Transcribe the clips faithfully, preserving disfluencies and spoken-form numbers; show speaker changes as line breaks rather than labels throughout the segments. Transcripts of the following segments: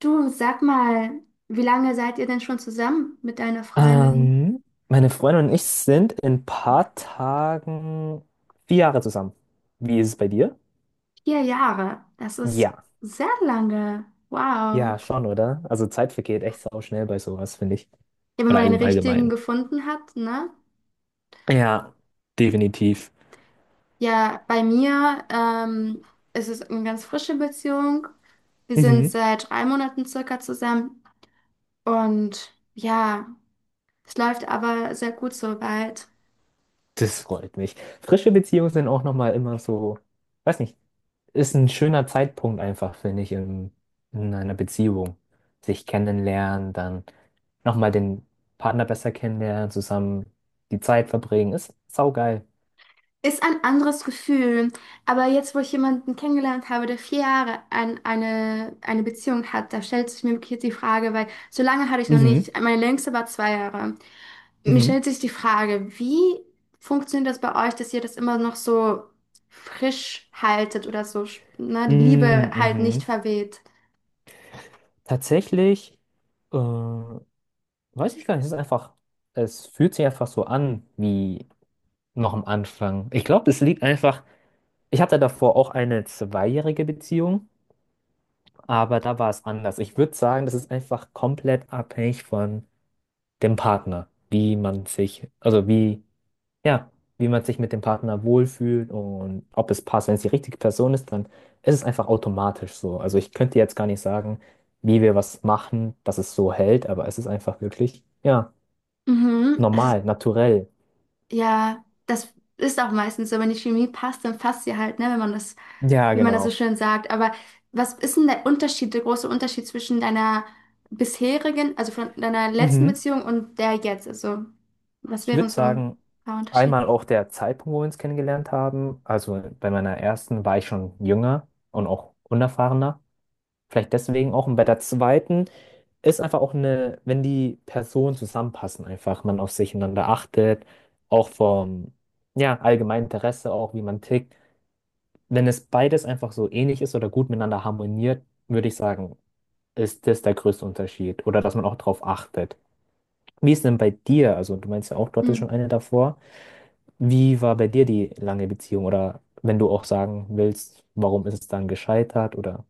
Du, sag mal, wie lange seid ihr denn schon zusammen mit deiner Freundin?
Ähm, meine Freundin und ich sind in ein paar Tagen vier Jahre zusammen. Wie ist es bei dir?
Vier Jahre. Das ist
Ja.
sehr lange. Wow.
Ja, schon, oder? Also Zeit vergeht echt sau schnell bei sowas, finde ich.
Ja, wenn
Oder
man den
allgeme-
richtigen
allgemein.
gefunden hat, ne?
Ja, definitiv.
Ja, bei mir ähm, ist es eine ganz frische Beziehung. Wir sind
Mhm.
seit drei Monaten circa zusammen und ja, es läuft aber sehr gut soweit.
Das freut mich. Frische Beziehungen sind auch nochmal immer so, weiß nicht, ist ein schöner Zeitpunkt einfach, finde ich, in, in einer Beziehung. Sich kennenlernen, dann nochmal den Partner besser kennenlernen, zusammen die Zeit verbringen. Ist saugeil.
Ist ein anderes Gefühl, aber jetzt, wo ich jemanden kennengelernt habe, der vier Jahre an eine, eine Beziehung hat, da stellt sich mir wirklich jetzt die Frage, weil so lange hatte ich noch
Mhm,
nicht, meine längste war zwei Jahre. Mir
mhm.
stellt sich die Frage, wie funktioniert das bei euch, dass ihr das immer noch so frisch haltet oder so, na die Liebe
Mm,
halt nicht
mhm.
verweht?
Tatsächlich, äh, weiß ich gar nicht, es ist einfach, es fühlt sich einfach so an wie noch am Anfang. Ich glaube, das liegt einfach, ich hatte davor auch eine zweijährige Beziehung, aber da war es anders. Ich würde sagen, das ist einfach komplett abhängig von dem Partner, wie man sich, also wie, ja, wie man sich mit dem Partner wohlfühlt und ob es passt. Wenn es die richtige Person ist, dann ist es einfach automatisch so. Also ich könnte jetzt gar nicht sagen, wie wir was machen, dass es so hält, aber es ist einfach wirklich, ja,
Mhm.
normal, naturell.
Ja, das ist auch meistens so, wenn die Chemie passt, dann passt sie halt, ne, wenn man das,
Ja,
wie man das so
genau.
schön sagt. Aber was ist denn der Unterschied, der große Unterschied zwischen deiner bisherigen, also von deiner letzten
Mhm.
Beziehung und der jetzt? Also, was
Ich
wären
würde
so ein
sagen,
paar Unterschiede?
einmal auch der Zeitpunkt, wo wir uns kennengelernt haben. Also bei meiner ersten war ich schon jünger und auch unerfahrener. Vielleicht deswegen auch. Und bei der zweiten ist einfach auch eine, wenn die Personen zusammenpassen, einfach man auf sich einander achtet, auch vom, ja, allgemeinen Interesse, auch wie man tickt. Wenn es beides einfach so ähnlich ist oder gut miteinander harmoniert, würde ich sagen, ist das der größte Unterschied oder dass man auch drauf achtet. Wie ist denn bei dir? Also, du meinst ja auch, du hattest
Hm.
schon eine davor. Wie war bei dir die lange Beziehung? Oder wenn du auch sagen willst, warum ist es dann gescheitert oder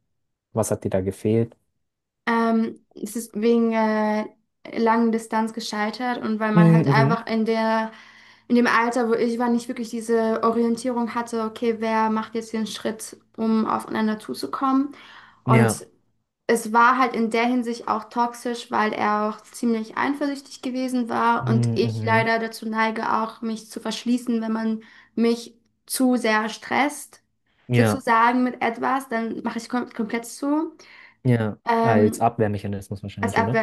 was hat dir da gefehlt?
Ähm, es ist wegen äh, langen Distanz gescheitert und weil man halt
Mhm, mhm.
einfach in der, in dem Alter, wo ich war, nicht wirklich diese Orientierung hatte, okay, wer macht jetzt den Schritt, um aufeinander zuzukommen.
Ja.
Und es war halt in der Hinsicht auch toxisch, weil er auch ziemlich eifersüchtig gewesen war und
Mhm,
ich
mhm.
leider dazu neige, auch mich zu verschließen, wenn man mich zu sehr stresst,
Ja,
sozusagen mit etwas, dann mache ich kom komplett zu.
ja. Als
Ähm,
Abwehrmechanismus
Als
wahrscheinlich, oder?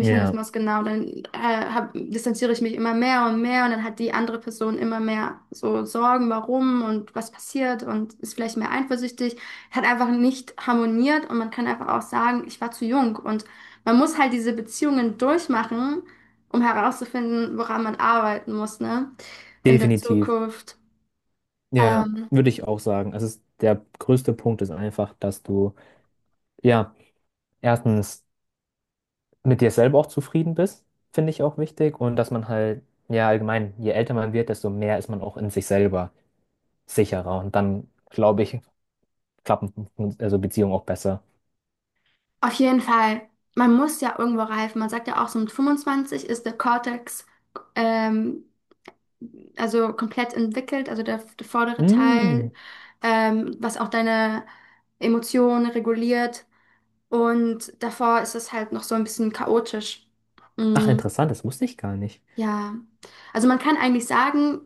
Ja,
genau. Dann äh, hab, distanziere ich mich immer mehr und mehr und dann hat die andere Person immer mehr so Sorgen, warum und was passiert und ist vielleicht mehr eifersüchtig. Hat einfach nicht harmoniert und man kann einfach auch sagen, ich war zu jung und man muss halt diese Beziehungen durchmachen, um herauszufinden, woran man arbeiten muss, ne? In der
definitiv.
Zukunft.
Ja,
Ähm,
würde ich auch sagen. Also es- der größte Punkt ist einfach, dass du, ja, erstens mit dir selber auch zufrieden bist, finde ich auch wichtig. Und dass man halt, ja, allgemein, je älter man wird, desto mehr ist man auch in sich selber sicherer. Und dann, glaube ich, klappen also Beziehungen auch besser.
auf jeden Fall, man muss ja irgendwo reifen. Man sagt ja auch, so mit fünfundzwanzig ist der Cortex ähm, also komplett entwickelt, also der, der vordere Teil,
Mhm.
ähm, was auch deine Emotionen reguliert. Und davor ist es halt noch so ein bisschen chaotisch.
Ach,
Mm,
interessant, das wusste ich gar nicht.
ja, also man kann eigentlich sagen,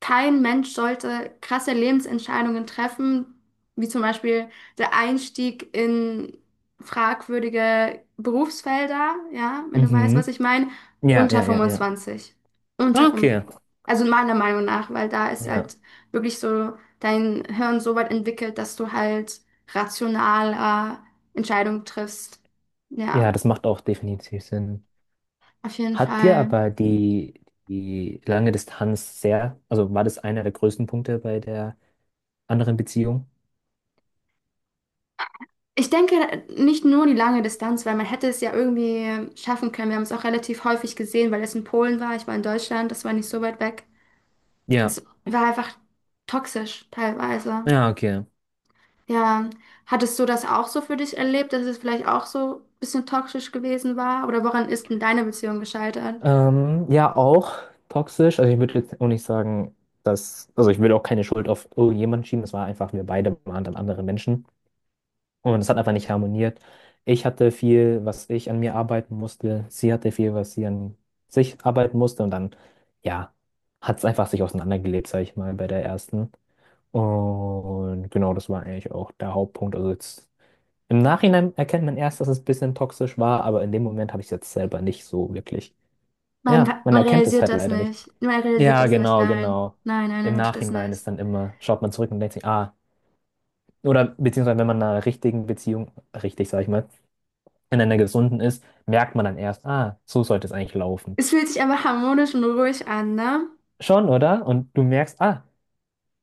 kein Mensch sollte krasse Lebensentscheidungen treffen, wie zum Beispiel der Einstieg in fragwürdige Berufsfelder, ja, wenn du weißt,
Mhm.
was ich meine,
Ja,
unter
ja, ja, ja.
fünfundzwanzig, Unter
Ah,
vom,
okay.
also meiner Meinung nach, weil da ist
Ja.
halt wirklich so dein Hirn so weit entwickelt, dass du halt rational äh, Entscheidungen triffst.
Ja,
Ja,
das macht auch definitiv Sinn.
auf jeden
Hat dir
Fall.
aber die, die lange Distanz sehr, also war das einer der größten Punkte bei der anderen Beziehung?
Ich denke nicht nur die lange Distanz, weil man hätte es ja irgendwie schaffen können. Wir haben es auch relativ häufig gesehen, weil es in Polen war. Ich war in Deutschland, das war nicht so weit weg.
Ja,
Es war einfach toxisch teilweise.
ja, okay.
Ja, hattest du das auch so für dich erlebt, dass es vielleicht auch so ein bisschen toxisch gewesen war? Oder woran ist denn deine Beziehung gescheitert?
Ähm, ja, auch toxisch. Also ich würde jetzt auch nicht sagen, dass, also ich würde auch keine Schuld auf irgendjemanden schieben. Es war einfach, wir beide waren dann andere Menschen. Und es hat einfach nicht harmoniert. Ich hatte viel, was ich an mir arbeiten musste. Sie hatte viel, was sie an sich arbeiten musste. Und dann, ja, hat es einfach sich auseinandergelebt, sag ich mal, bei der ersten. Und genau, das war eigentlich auch der Hauptpunkt. Also jetzt im Nachhinein erkennt man erst, dass es ein bisschen toxisch war, aber in dem Moment habe ich es jetzt selber nicht so wirklich.
Man,
Ja, man
Man
erkennt es
realisiert
halt
das
leider nicht.
nicht. Man realisiert
Ja,
das nicht.
genau,
Nein,
genau.
nein, nein,
Im
nein, tut das
Nachhinein
nicht.
ist dann immer, schaut man zurück und denkt sich, ah, oder beziehungsweise wenn man in einer richtigen Beziehung, richtig, sag ich mal, in einer gesunden ist, merkt man dann erst, ah, so sollte es eigentlich laufen.
Es fühlt sich einfach harmonisch und ruhig an, ne?
Schon, oder? Und du merkst, ah,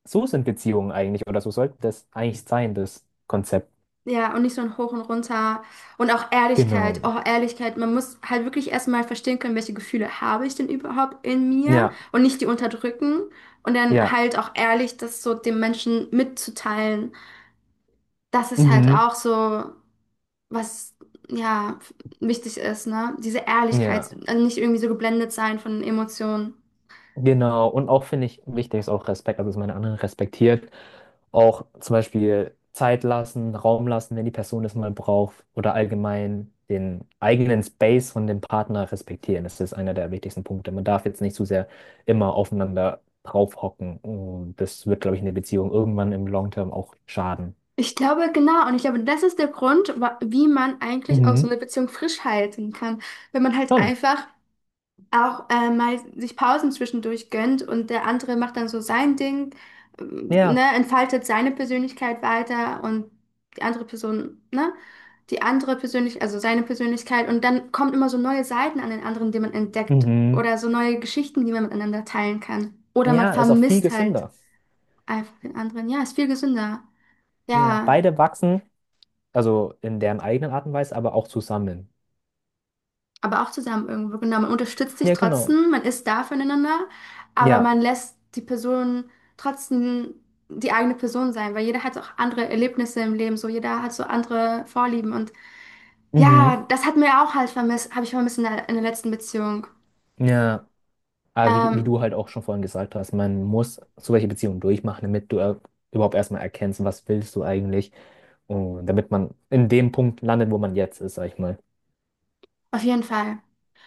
so sind Beziehungen eigentlich oder so sollte das eigentlich sein, das Konzept.
Ja, und nicht so ein Hoch und Runter. Und auch Ehrlichkeit.
Genau.
Oh, Ehrlichkeit. Man muss halt wirklich erstmal verstehen können, welche Gefühle habe ich denn überhaupt in mir
Ja,
und nicht die unterdrücken. Und dann
ja.
halt auch ehrlich, das so dem Menschen mitzuteilen. Das ist halt
Mhm.
auch so, was, ja, wichtig ist, ne? Diese
Ja.
Ehrlichkeit. Also nicht irgendwie so geblendet sein von Emotionen.
Genau, und auch finde ich wichtig ist auch Respekt, also dass man den anderen respektiert. Auch zum Beispiel Zeit lassen, Raum lassen, wenn die Person das mal braucht oder allgemein den eigenen Space von dem Partner respektieren. Das ist einer der wichtigsten Punkte. Man darf jetzt nicht zu sehr immer aufeinander draufhocken. Und das wird, glaube ich, in der Beziehung irgendwann im Long Term auch schaden.
Ich glaube, genau. Und ich glaube, das ist der Grund, wa- wie man eigentlich auch so
Mhm.
eine Beziehung frisch halten kann. Wenn man halt
Schon.
einfach auch äh, mal sich Pausen zwischendurch gönnt und der andere macht dann so sein Ding, äh, ne,
Ja.
entfaltet seine Persönlichkeit weiter und die andere Person, ne, die andere Persönlich, also seine Persönlichkeit und dann kommen immer so neue Seiten an den anderen, die man entdeckt
Mhm.
oder so neue Geschichten, die man miteinander teilen kann. Oder man
Ja, ist auch viel
vermisst halt
gesünder.
einfach den anderen. Ja, ist viel gesünder.
Ja,
Ja,
beide wachsen, also in deren eigenen Art und Weise, aber auch zusammen.
aber auch zusammen irgendwo. Genau, man unterstützt sich
Ja, genau.
trotzdem, man ist da füreinander, aber
Ja,
man lässt die Person trotzdem die eigene Person sein, weil jeder hat auch andere Erlebnisse im Leben, so jeder hat so andere Vorlieben und
mhm.
ja, das hat mir auch halt vermisst, habe ich vermisst in der, in der letzten Beziehung.
Ja, aber wie, wie
Ähm,
du halt auch schon vorhin gesagt hast, man muss so welche Beziehungen durchmachen, damit du äh, überhaupt erstmal erkennst, was willst du eigentlich, und damit man in dem Punkt landet, wo man jetzt ist, sag ich mal.
auf jeden Fall.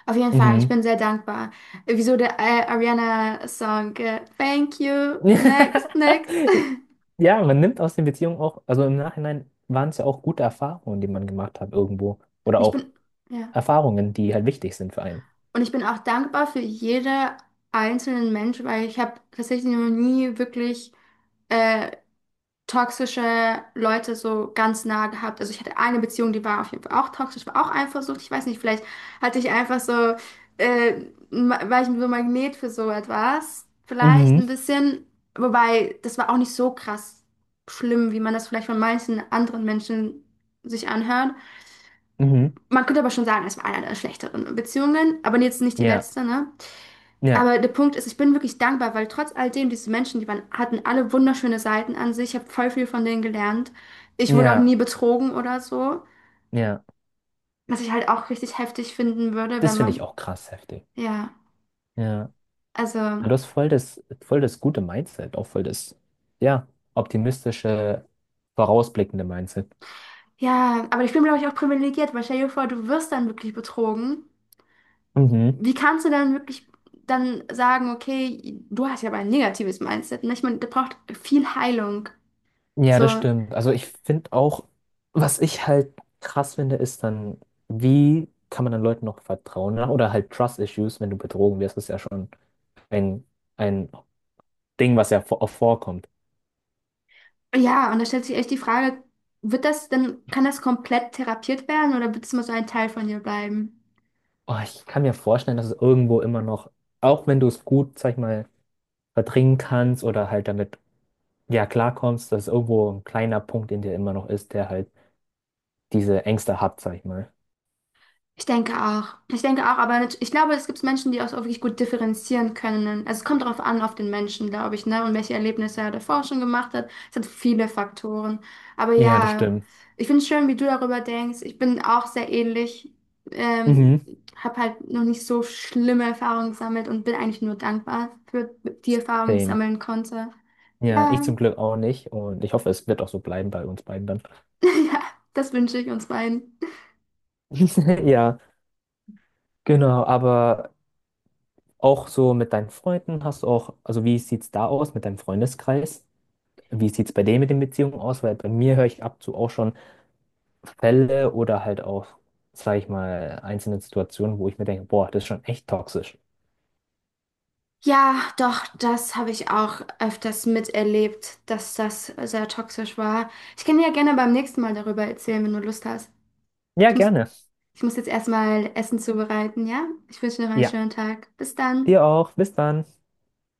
Auf jeden Fall, ich
Mhm.
bin sehr dankbar. Wieso der äh, Ariana-Song? äh, Thank you, next, next.
Ja, man nimmt aus den Beziehungen auch, also im Nachhinein waren es ja auch gute Erfahrungen, die man gemacht hat irgendwo, oder
Und ich
auch
bin, ja.
Erfahrungen, die halt wichtig sind für einen.
Und ich bin auch dankbar für jede einzelnen Mensch, weil ich habe tatsächlich noch nie wirklich äh, toxische Leute so ganz nah gehabt. Also ich hatte eine Beziehung, die war auf jeden Fall auch toxisch, war auch Eifersucht. Ich weiß nicht, vielleicht hatte ich einfach so, äh, ma- war ich so Magnet für so etwas. Vielleicht
Mhm.
ein bisschen. Wobei, das war auch nicht so krass schlimm, wie man das vielleicht von manchen anderen Menschen sich anhört.
Mhm.
Man könnte aber schon sagen, es war eine der schlechteren Beziehungen, aber jetzt nicht die
Ja,
letzte, ne?
ja,
Aber der Punkt ist, ich bin wirklich dankbar, weil trotz all dem, diese Menschen, die waren, hatten alle wunderschöne Seiten an sich. Ich habe voll viel von denen gelernt. Ich wurde auch
ja,
nie betrogen oder so.
ja.
Was ich halt auch richtig heftig finden würde,
Das
wenn
finde ich
man,
auch krass heftig.
ja,
Ja. Aber
also,
du hast voll das, voll das gute Mindset, auch voll das, ja, optimistische, vorausblickende Mindset.
ja, aber ich bin, glaube ich, auch privilegiert, weil stell dir vor, du wirst dann wirklich betrogen.
Mhm.
Wie kannst du dann wirklich dann sagen, okay, du hast ja aber ein negatives Mindset, ne? Ich meine, da braucht viel Heilung.
Ja,
So,
das stimmt. Also ich finde auch, was ich halt krass finde, ist dann, wie kann man dann Leuten noch vertrauen, ne? Oder halt Trust Issues, wenn du betrogen wirst, ist ja schon ein, ein Ding, was ja vor- auch vorkommt.
ja, und da stellt sich echt die Frage, wird das denn, kann das komplett therapiert werden oder wird es immer so ein Teil von dir bleiben?
Oh, ich kann mir vorstellen, dass es irgendwo immer noch, auch wenn du es gut, sag ich mal, verdrängen kannst oder halt damit, ja, klarkommst, dass irgendwo ein kleiner Punkt in dir immer noch ist, der halt diese Ängste hat, sag ich mal.
Ich denke auch. Ich denke auch, aber nat- ich glaube, es gibt Menschen, die auch so wirklich gut differenzieren können. Also es kommt darauf an, auf den Menschen, glaube ich, ne? Und welche Erlebnisse er davor schon gemacht hat. Es hat viele Faktoren. Aber
Ja, das
ja,
stimmt.
ich finde es schön, wie du darüber denkst. Ich bin auch sehr ähnlich. Ähm,
Mhm.
Habe halt noch nicht so schlimme Erfahrungen gesammelt und bin eigentlich nur dankbar für die Erfahrungen, die ich
Same.
sammeln konnte.
Ja, ich
Ja.
zum Glück auch nicht und ich hoffe, es wird auch so bleiben bei uns beiden dann.
Ja, das wünsche ich uns beiden.
Ja, genau, aber auch so mit deinen Freunden hast du auch, also wie sieht's da aus mit deinem Freundeskreis? Wie sieht's bei denen mit den Beziehungen aus? Weil bei mir höre ich ab und zu auch schon Fälle oder halt auch, sag ich mal, einzelne Situationen, wo ich mir denke, boah, das ist schon echt toxisch.
Ja, doch, das habe ich auch öfters miterlebt, dass das sehr toxisch war. Ich kann dir ja gerne beim nächsten Mal darüber erzählen, wenn du Lust hast.
Ja,
Ich muss,
gerne.
ich muss jetzt erstmal Essen zubereiten, ja? Ich wünsche dir noch einen
Ja,
schönen Tag. Bis dann.
dir auch. Bis dann.